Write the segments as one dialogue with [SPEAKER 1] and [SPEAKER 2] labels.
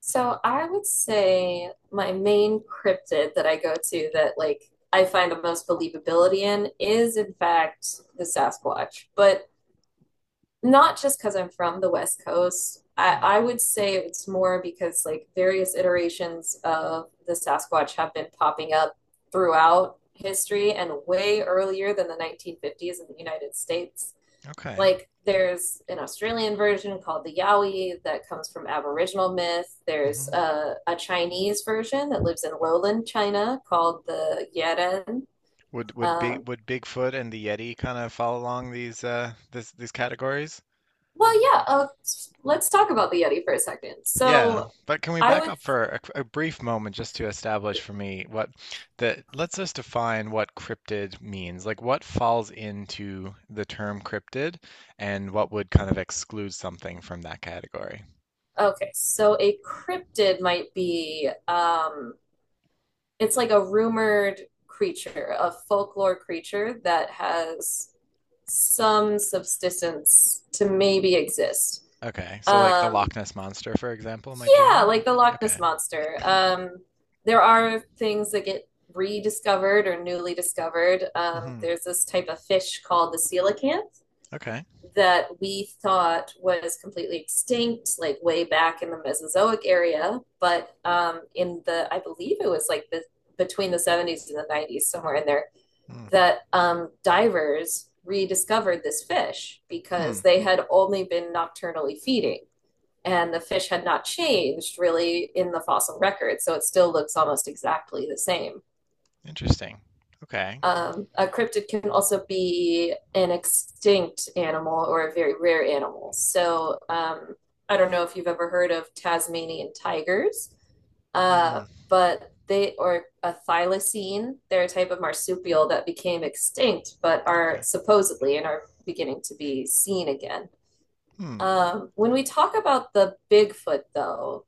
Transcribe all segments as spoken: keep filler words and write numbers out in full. [SPEAKER 1] So I would say my main cryptid that I go to that like I find the most believability in is in fact the Sasquatch. But not just because I'm from the West Coast. I,
[SPEAKER 2] Hmm,
[SPEAKER 1] I would say it's more because like various iterations of the Sasquatch have been popping up throughout history and way earlier than the nineteen fifties in the United States.
[SPEAKER 2] okay.
[SPEAKER 1] Like there's an Australian version called the Yowie that comes from Aboriginal myth. There's
[SPEAKER 2] Hmm.
[SPEAKER 1] a, a Chinese version that lives in lowland China called the Yeren.
[SPEAKER 2] Would would big
[SPEAKER 1] Um,
[SPEAKER 2] would Bigfoot and the Yeti kind of follow along these uh this these categories?
[SPEAKER 1] Well, yeah, uh, let's talk about the Yeti for a second.
[SPEAKER 2] Yeah,
[SPEAKER 1] So,
[SPEAKER 2] but can we
[SPEAKER 1] I
[SPEAKER 2] back
[SPEAKER 1] would,
[SPEAKER 2] up for a, qu- a brief moment just to establish for me what the let's just define what cryptid means. Like what falls into the term cryptid and what would kind of exclude something from that category?
[SPEAKER 1] okay, so a cryptid might be, um, it's like a rumored creature, a folklore creature that has some subsistence to maybe exist.
[SPEAKER 2] Okay. So like the
[SPEAKER 1] Um,
[SPEAKER 2] Loch Ness Monster, for example, might be
[SPEAKER 1] yeah,
[SPEAKER 2] one.
[SPEAKER 1] like the Loch Ness
[SPEAKER 2] Okay.
[SPEAKER 1] Monster. Um, there are things that get rediscovered or newly discovered. Um,
[SPEAKER 2] Hmm.
[SPEAKER 1] there's this type of fish called the coelacanth
[SPEAKER 2] Okay.
[SPEAKER 1] that we thought was completely extinct, like way back in the Mesozoic area. But um, in the, I believe it was like the between the seventies and the nineties, somewhere in there,
[SPEAKER 2] Mm.
[SPEAKER 1] that um, divers rediscovered this fish
[SPEAKER 2] Hmm.
[SPEAKER 1] because they had only been nocturnally feeding and the fish had not changed really in the fossil record. So it still looks almost exactly the same.
[SPEAKER 2] Interesting. Okay.
[SPEAKER 1] Um, a cryptid can also be an extinct animal or a very rare animal. So um, I don't know if you've ever heard of Tasmanian tigers, uh,
[SPEAKER 2] Mm.
[SPEAKER 1] but they or a thylacine. They're a type of marsupial that became extinct, but are
[SPEAKER 2] Okay.
[SPEAKER 1] supposedly and are beginning to be seen again.
[SPEAKER 2] Hmm.
[SPEAKER 1] Um, when we talk about the Bigfoot, though,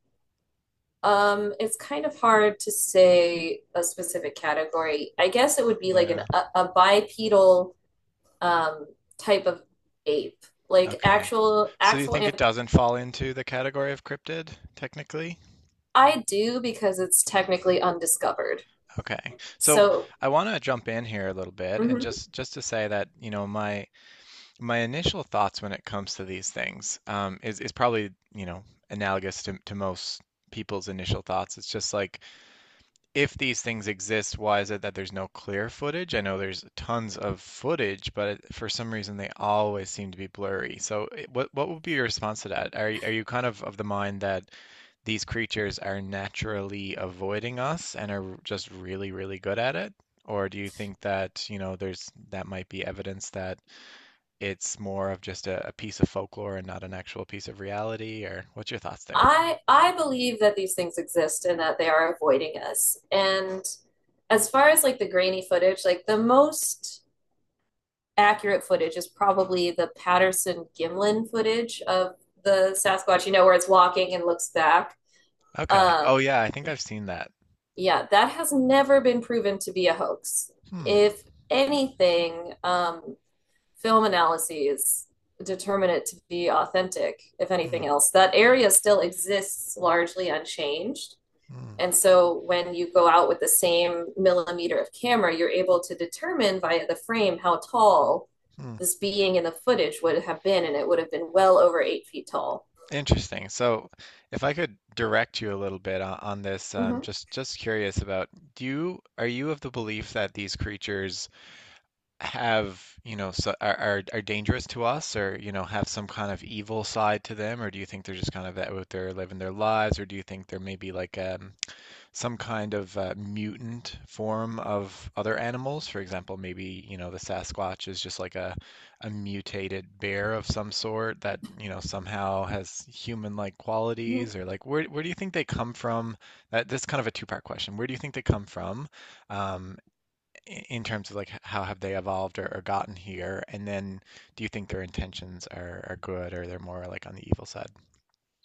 [SPEAKER 1] um, it's kind of hard to say a specific category. I guess it would be like an,
[SPEAKER 2] Yeah.
[SPEAKER 1] a, a bipedal um, type of ape, like
[SPEAKER 2] Okay.
[SPEAKER 1] actual
[SPEAKER 2] So do you
[SPEAKER 1] actual
[SPEAKER 2] think it
[SPEAKER 1] anth-
[SPEAKER 2] doesn't fall into the category of cryptid technically?
[SPEAKER 1] I do because it's technically undiscovered.
[SPEAKER 2] Okay. So
[SPEAKER 1] So
[SPEAKER 2] I want to jump in here a little bit and
[SPEAKER 1] mhm.
[SPEAKER 2] just just to say that, you know, my my initial thoughts when it comes to these things um, is is probably, you know, analogous to to most people's initial thoughts. It's just like if these things exist, why is it that there's no clear footage? I know there's tons of footage, but it- for some reason they always seem to be blurry. So, eh, what what would be your response to that? Are y- are you kind of of the mind that these creatures are naturally avoiding us and are just really, really good at it? Or do you think that, you know, there's that might be evidence that it's more of just a, a piece of folklore and not an actual piece of reality? Or what's your thoughts there?
[SPEAKER 1] I I believe that these things exist and that they are avoiding us. And as far as like the grainy footage, like the most accurate footage is probably the Patterson Gimlin footage of the Sasquatch, you know, where it's walking and looks back.
[SPEAKER 2] Okay.
[SPEAKER 1] Um,
[SPEAKER 2] Oh yeah, I think I've seen that.
[SPEAKER 1] yeah, that has never been proven to be a hoax.
[SPEAKER 2] Hmm.
[SPEAKER 1] If anything, um, film analyses determine it to be authentic, if
[SPEAKER 2] Hmm.
[SPEAKER 1] anything else. That area still exists largely unchanged.
[SPEAKER 2] Hmm.
[SPEAKER 1] And so when you go out with the same millimeter of camera, you're able to determine via the frame how tall
[SPEAKER 2] Hmm.
[SPEAKER 1] this being in the footage would have been, and it would have been well over eight feet tall.
[SPEAKER 2] Interesting. So, if I could direct you a little bit on, on this, um,
[SPEAKER 1] Mm-hmm.
[SPEAKER 2] just just curious about, do you are you of the belief that these creatures have, you know, so, are, are are dangerous to us, or you know, have some kind of evil side to them, or do you think they're just kind of out there living their lives, or do you think they're maybe like um, some kind of uh, mutant form of other animals. For example, maybe, you know, the Sasquatch is just like a, a mutated bear of some sort that, you know, somehow has human-like
[SPEAKER 1] Mm-hmm.
[SPEAKER 2] qualities or like where where do you think they come from? That this kind of a two-part question. Where do you think they come from? Um, i- in terms of like how have they evolved or, or gotten here? And then do you think their intentions are, are good or they're more like on the evil side?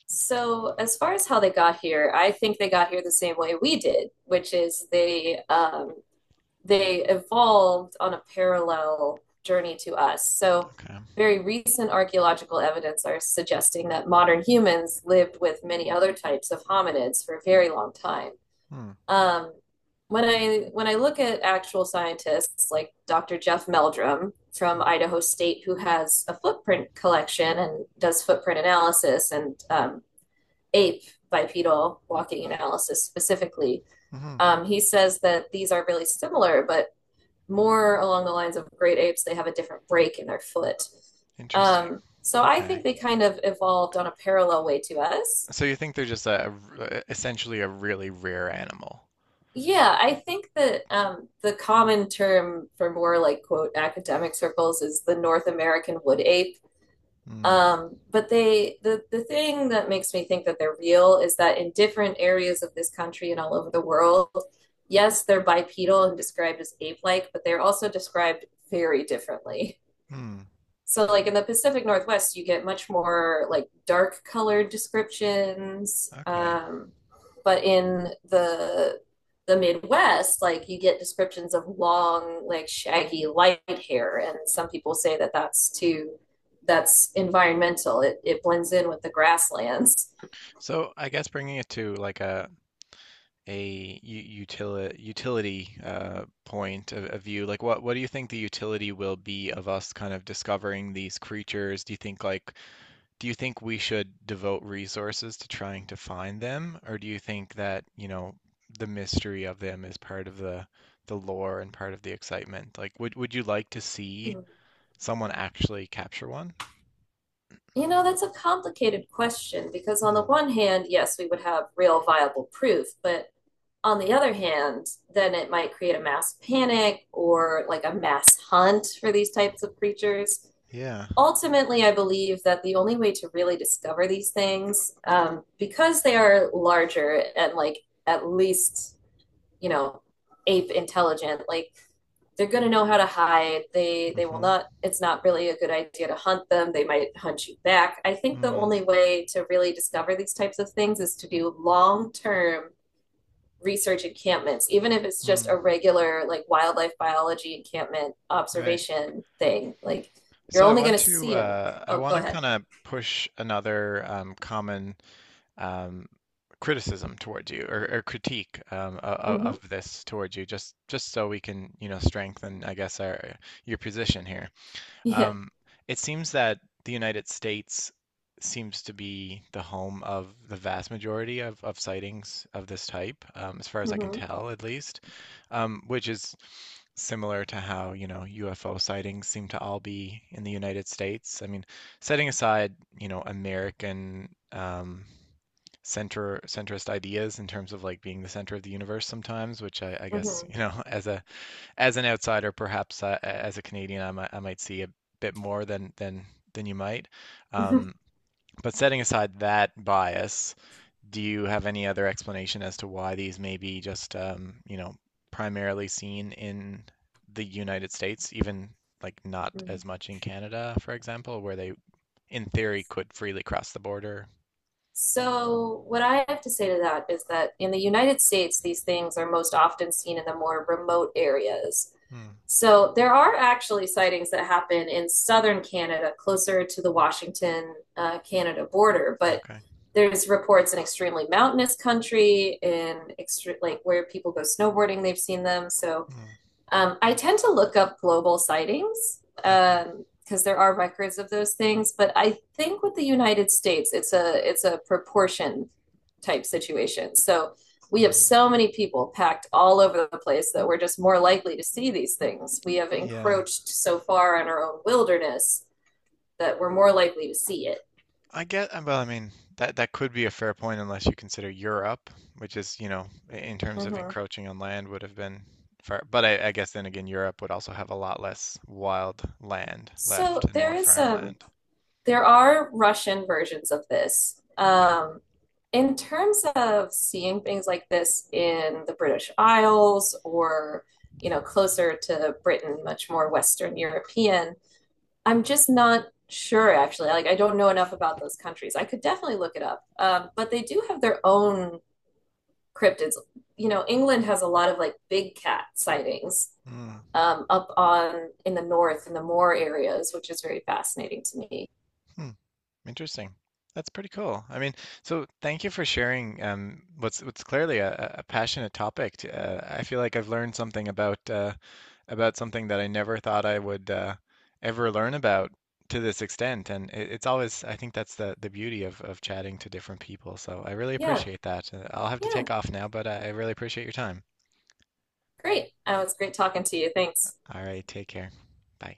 [SPEAKER 1] So, as far as how they got here, I think they got here the same way we did, which is they um, they evolved on a parallel journey to us. So,
[SPEAKER 2] Okay.
[SPEAKER 1] very recent archaeological evidence are suggesting that modern humans lived with many other types of hominids for a very long time.
[SPEAKER 2] Hmm.
[SPEAKER 1] Um, when I when I look at actual scientists like doctor Jeff Meldrum from Idaho State, who has a footprint collection and does footprint analysis and um, ape bipedal walking analysis specifically,
[SPEAKER 2] Hmm.
[SPEAKER 1] um, he says that these are really similar, but more along the lines of great apes, they have a different break in their foot.
[SPEAKER 2] Interesting.
[SPEAKER 1] Um, so I think
[SPEAKER 2] Okay.
[SPEAKER 1] they kind of evolved on a parallel way to us.
[SPEAKER 2] So you think they're just a, essentially a really rare animal?
[SPEAKER 1] Yeah, I think that um, the common term for more like quote academic circles is the North American wood ape.
[SPEAKER 2] Mm.
[SPEAKER 1] Um, but they the the thing that makes me think that they're real is that in different areas of this country and all over the world, yes, they're bipedal and described as ape-like, but they're also described very differently.
[SPEAKER 2] Hmm.
[SPEAKER 1] So, like in the Pacific Northwest, you get much more like dark colored descriptions.
[SPEAKER 2] Okay.
[SPEAKER 1] Um, but in the the Midwest, like you get descriptions of long, like shaggy light hair, and some people say that that's too that's environmental. It it blends in with the grasslands.
[SPEAKER 2] So I guess bringing it to like a a utility utility uh, point of, of view, like what what do you think the utility will be of us kind of discovering these creatures? Do you think like do you think we should devote resources to trying to find them, or do you think that, you know, the mystery of them is part of the the lore and part of the excitement? Like would would you like to see
[SPEAKER 1] Hmm.
[SPEAKER 2] someone actually capture one?
[SPEAKER 1] You know, that's a complicated question because, on
[SPEAKER 2] Hmm.
[SPEAKER 1] the one hand, yes, we would have real viable proof, but on the other hand, then it might create a mass panic or like a mass hunt for these types of creatures.
[SPEAKER 2] Yeah.
[SPEAKER 1] Ultimately, I believe that the only way to really discover these things, um, because they are larger and like at least, you know, ape intelligent, like they're going to know how to hide, they they will
[SPEAKER 2] Mm-hmm.
[SPEAKER 1] not, it's not really a good idea to hunt them, they might hunt you back. I think the
[SPEAKER 2] Mm.
[SPEAKER 1] only way to really discover these types of things is to do long term research encampments, even if it's just
[SPEAKER 2] Mm.
[SPEAKER 1] a regular like wildlife biology encampment
[SPEAKER 2] Right.
[SPEAKER 1] observation thing, like you're
[SPEAKER 2] So I
[SPEAKER 1] only going
[SPEAKER 2] want
[SPEAKER 1] to
[SPEAKER 2] to
[SPEAKER 1] see them,
[SPEAKER 2] uh, I
[SPEAKER 1] oh go
[SPEAKER 2] want to
[SPEAKER 1] ahead,
[SPEAKER 2] kind of push another um, common um, criticism towards you or, or critique um, of,
[SPEAKER 1] mm-hmm.
[SPEAKER 2] of this towards you just just so we can you know strengthen I guess our your position here.
[SPEAKER 1] Yeah,
[SPEAKER 2] Um, it seems that the United States seems to be the home of the vast majority of, of sightings of this type, um, as far as I can
[SPEAKER 1] mm-hmm.
[SPEAKER 2] tell, at least, um, which is similar to how, you know, U F O sightings seem to all be in the United States. I mean, setting aside, you know, American um, center centrist ideas in terms of like being the center of the universe sometimes, which I, I guess, you know, as a as an outsider, perhaps uh, as a Canadian, I might, I might see a bit more than than than you might.
[SPEAKER 1] Mm-hmm.
[SPEAKER 2] Um, but setting aside that bias, do you have any other explanation as to why these may be just um, you know primarily seen in the United States, even like not as much in Canada, for example, where they in theory could freely cross the border?
[SPEAKER 1] So, what I have to say to that is that in the United States, these things are most often seen in the more remote areas.
[SPEAKER 2] Hmm.
[SPEAKER 1] So, there are actually sightings that happen in southern Canada, closer to the Washington, uh, Canada border, but
[SPEAKER 2] Okay.
[SPEAKER 1] there's reports in extremely mountainous country in extre- like where people go snowboarding, they've seen them. So
[SPEAKER 2] Hmm.
[SPEAKER 1] um, I tend to look up global sightings
[SPEAKER 2] Okay.
[SPEAKER 1] um, because there are records of those things. But I think with the United States, it's a it's a proportion type situation. So we have
[SPEAKER 2] Hmm.
[SPEAKER 1] so many people packed all over the place that we're just more likely to see these things. We have
[SPEAKER 2] Yeah.
[SPEAKER 1] encroached so far on our own wilderness that we're more likely to see it.
[SPEAKER 2] I get, uh, well, I mean, that that could be a fair point unless you consider Europe, which is, you know, i- in terms of
[SPEAKER 1] Mm-hmm.
[SPEAKER 2] encroaching on land would have been far, but I, I guess then again, Europe would also have a lot less wild land left
[SPEAKER 1] So
[SPEAKER 2] and
[SPEAKER 1] there
[SPEAKER 2] more
[SPEAKER 1] is um,
[SPEAKER 2] farmland.
[SPEAKER 1] there are Russian versions of this.
[SPEAKER 2] Okay.
[SPEAKER 1] Um, in terms of seeing things like this in the British Isles or, you know, closer to Britain, much more Western European, I'm just not sure actually. Like, I don't know enough about those countries. I could definitely look it up. Um, but they do have their own cryptids. You know, England has a lot of like big cat sightings
[SPEAKER 2] Mm.
[SPEAKER 1] um, up on in the north in the moor areas, which is very fascinating to me.
[SPEAKER 2] Hmm. Interesting. That's pretty cool. I mean, so thank you for sharing um, what's what's clearly a, a a passionate topic. To, uh, I feel like I've learned something about uh, about something that I never thought I would uh, ever learn about to this extent. And it, it's always, I think that's the the beauty of of chatting to different people. So I really
[SPEAKER 1] Yeah,
[SPEAKER 2] appreciate that. Uh, I'll have to
[SPEAKER 1] yeah.
[SPEAKER 2] take off now, but I, I really appreciate your time.
[SPEAKER 1] Great. Oh, it's great talking to you. Thanks.
[SPEAKER 2] All right, take care. Bye.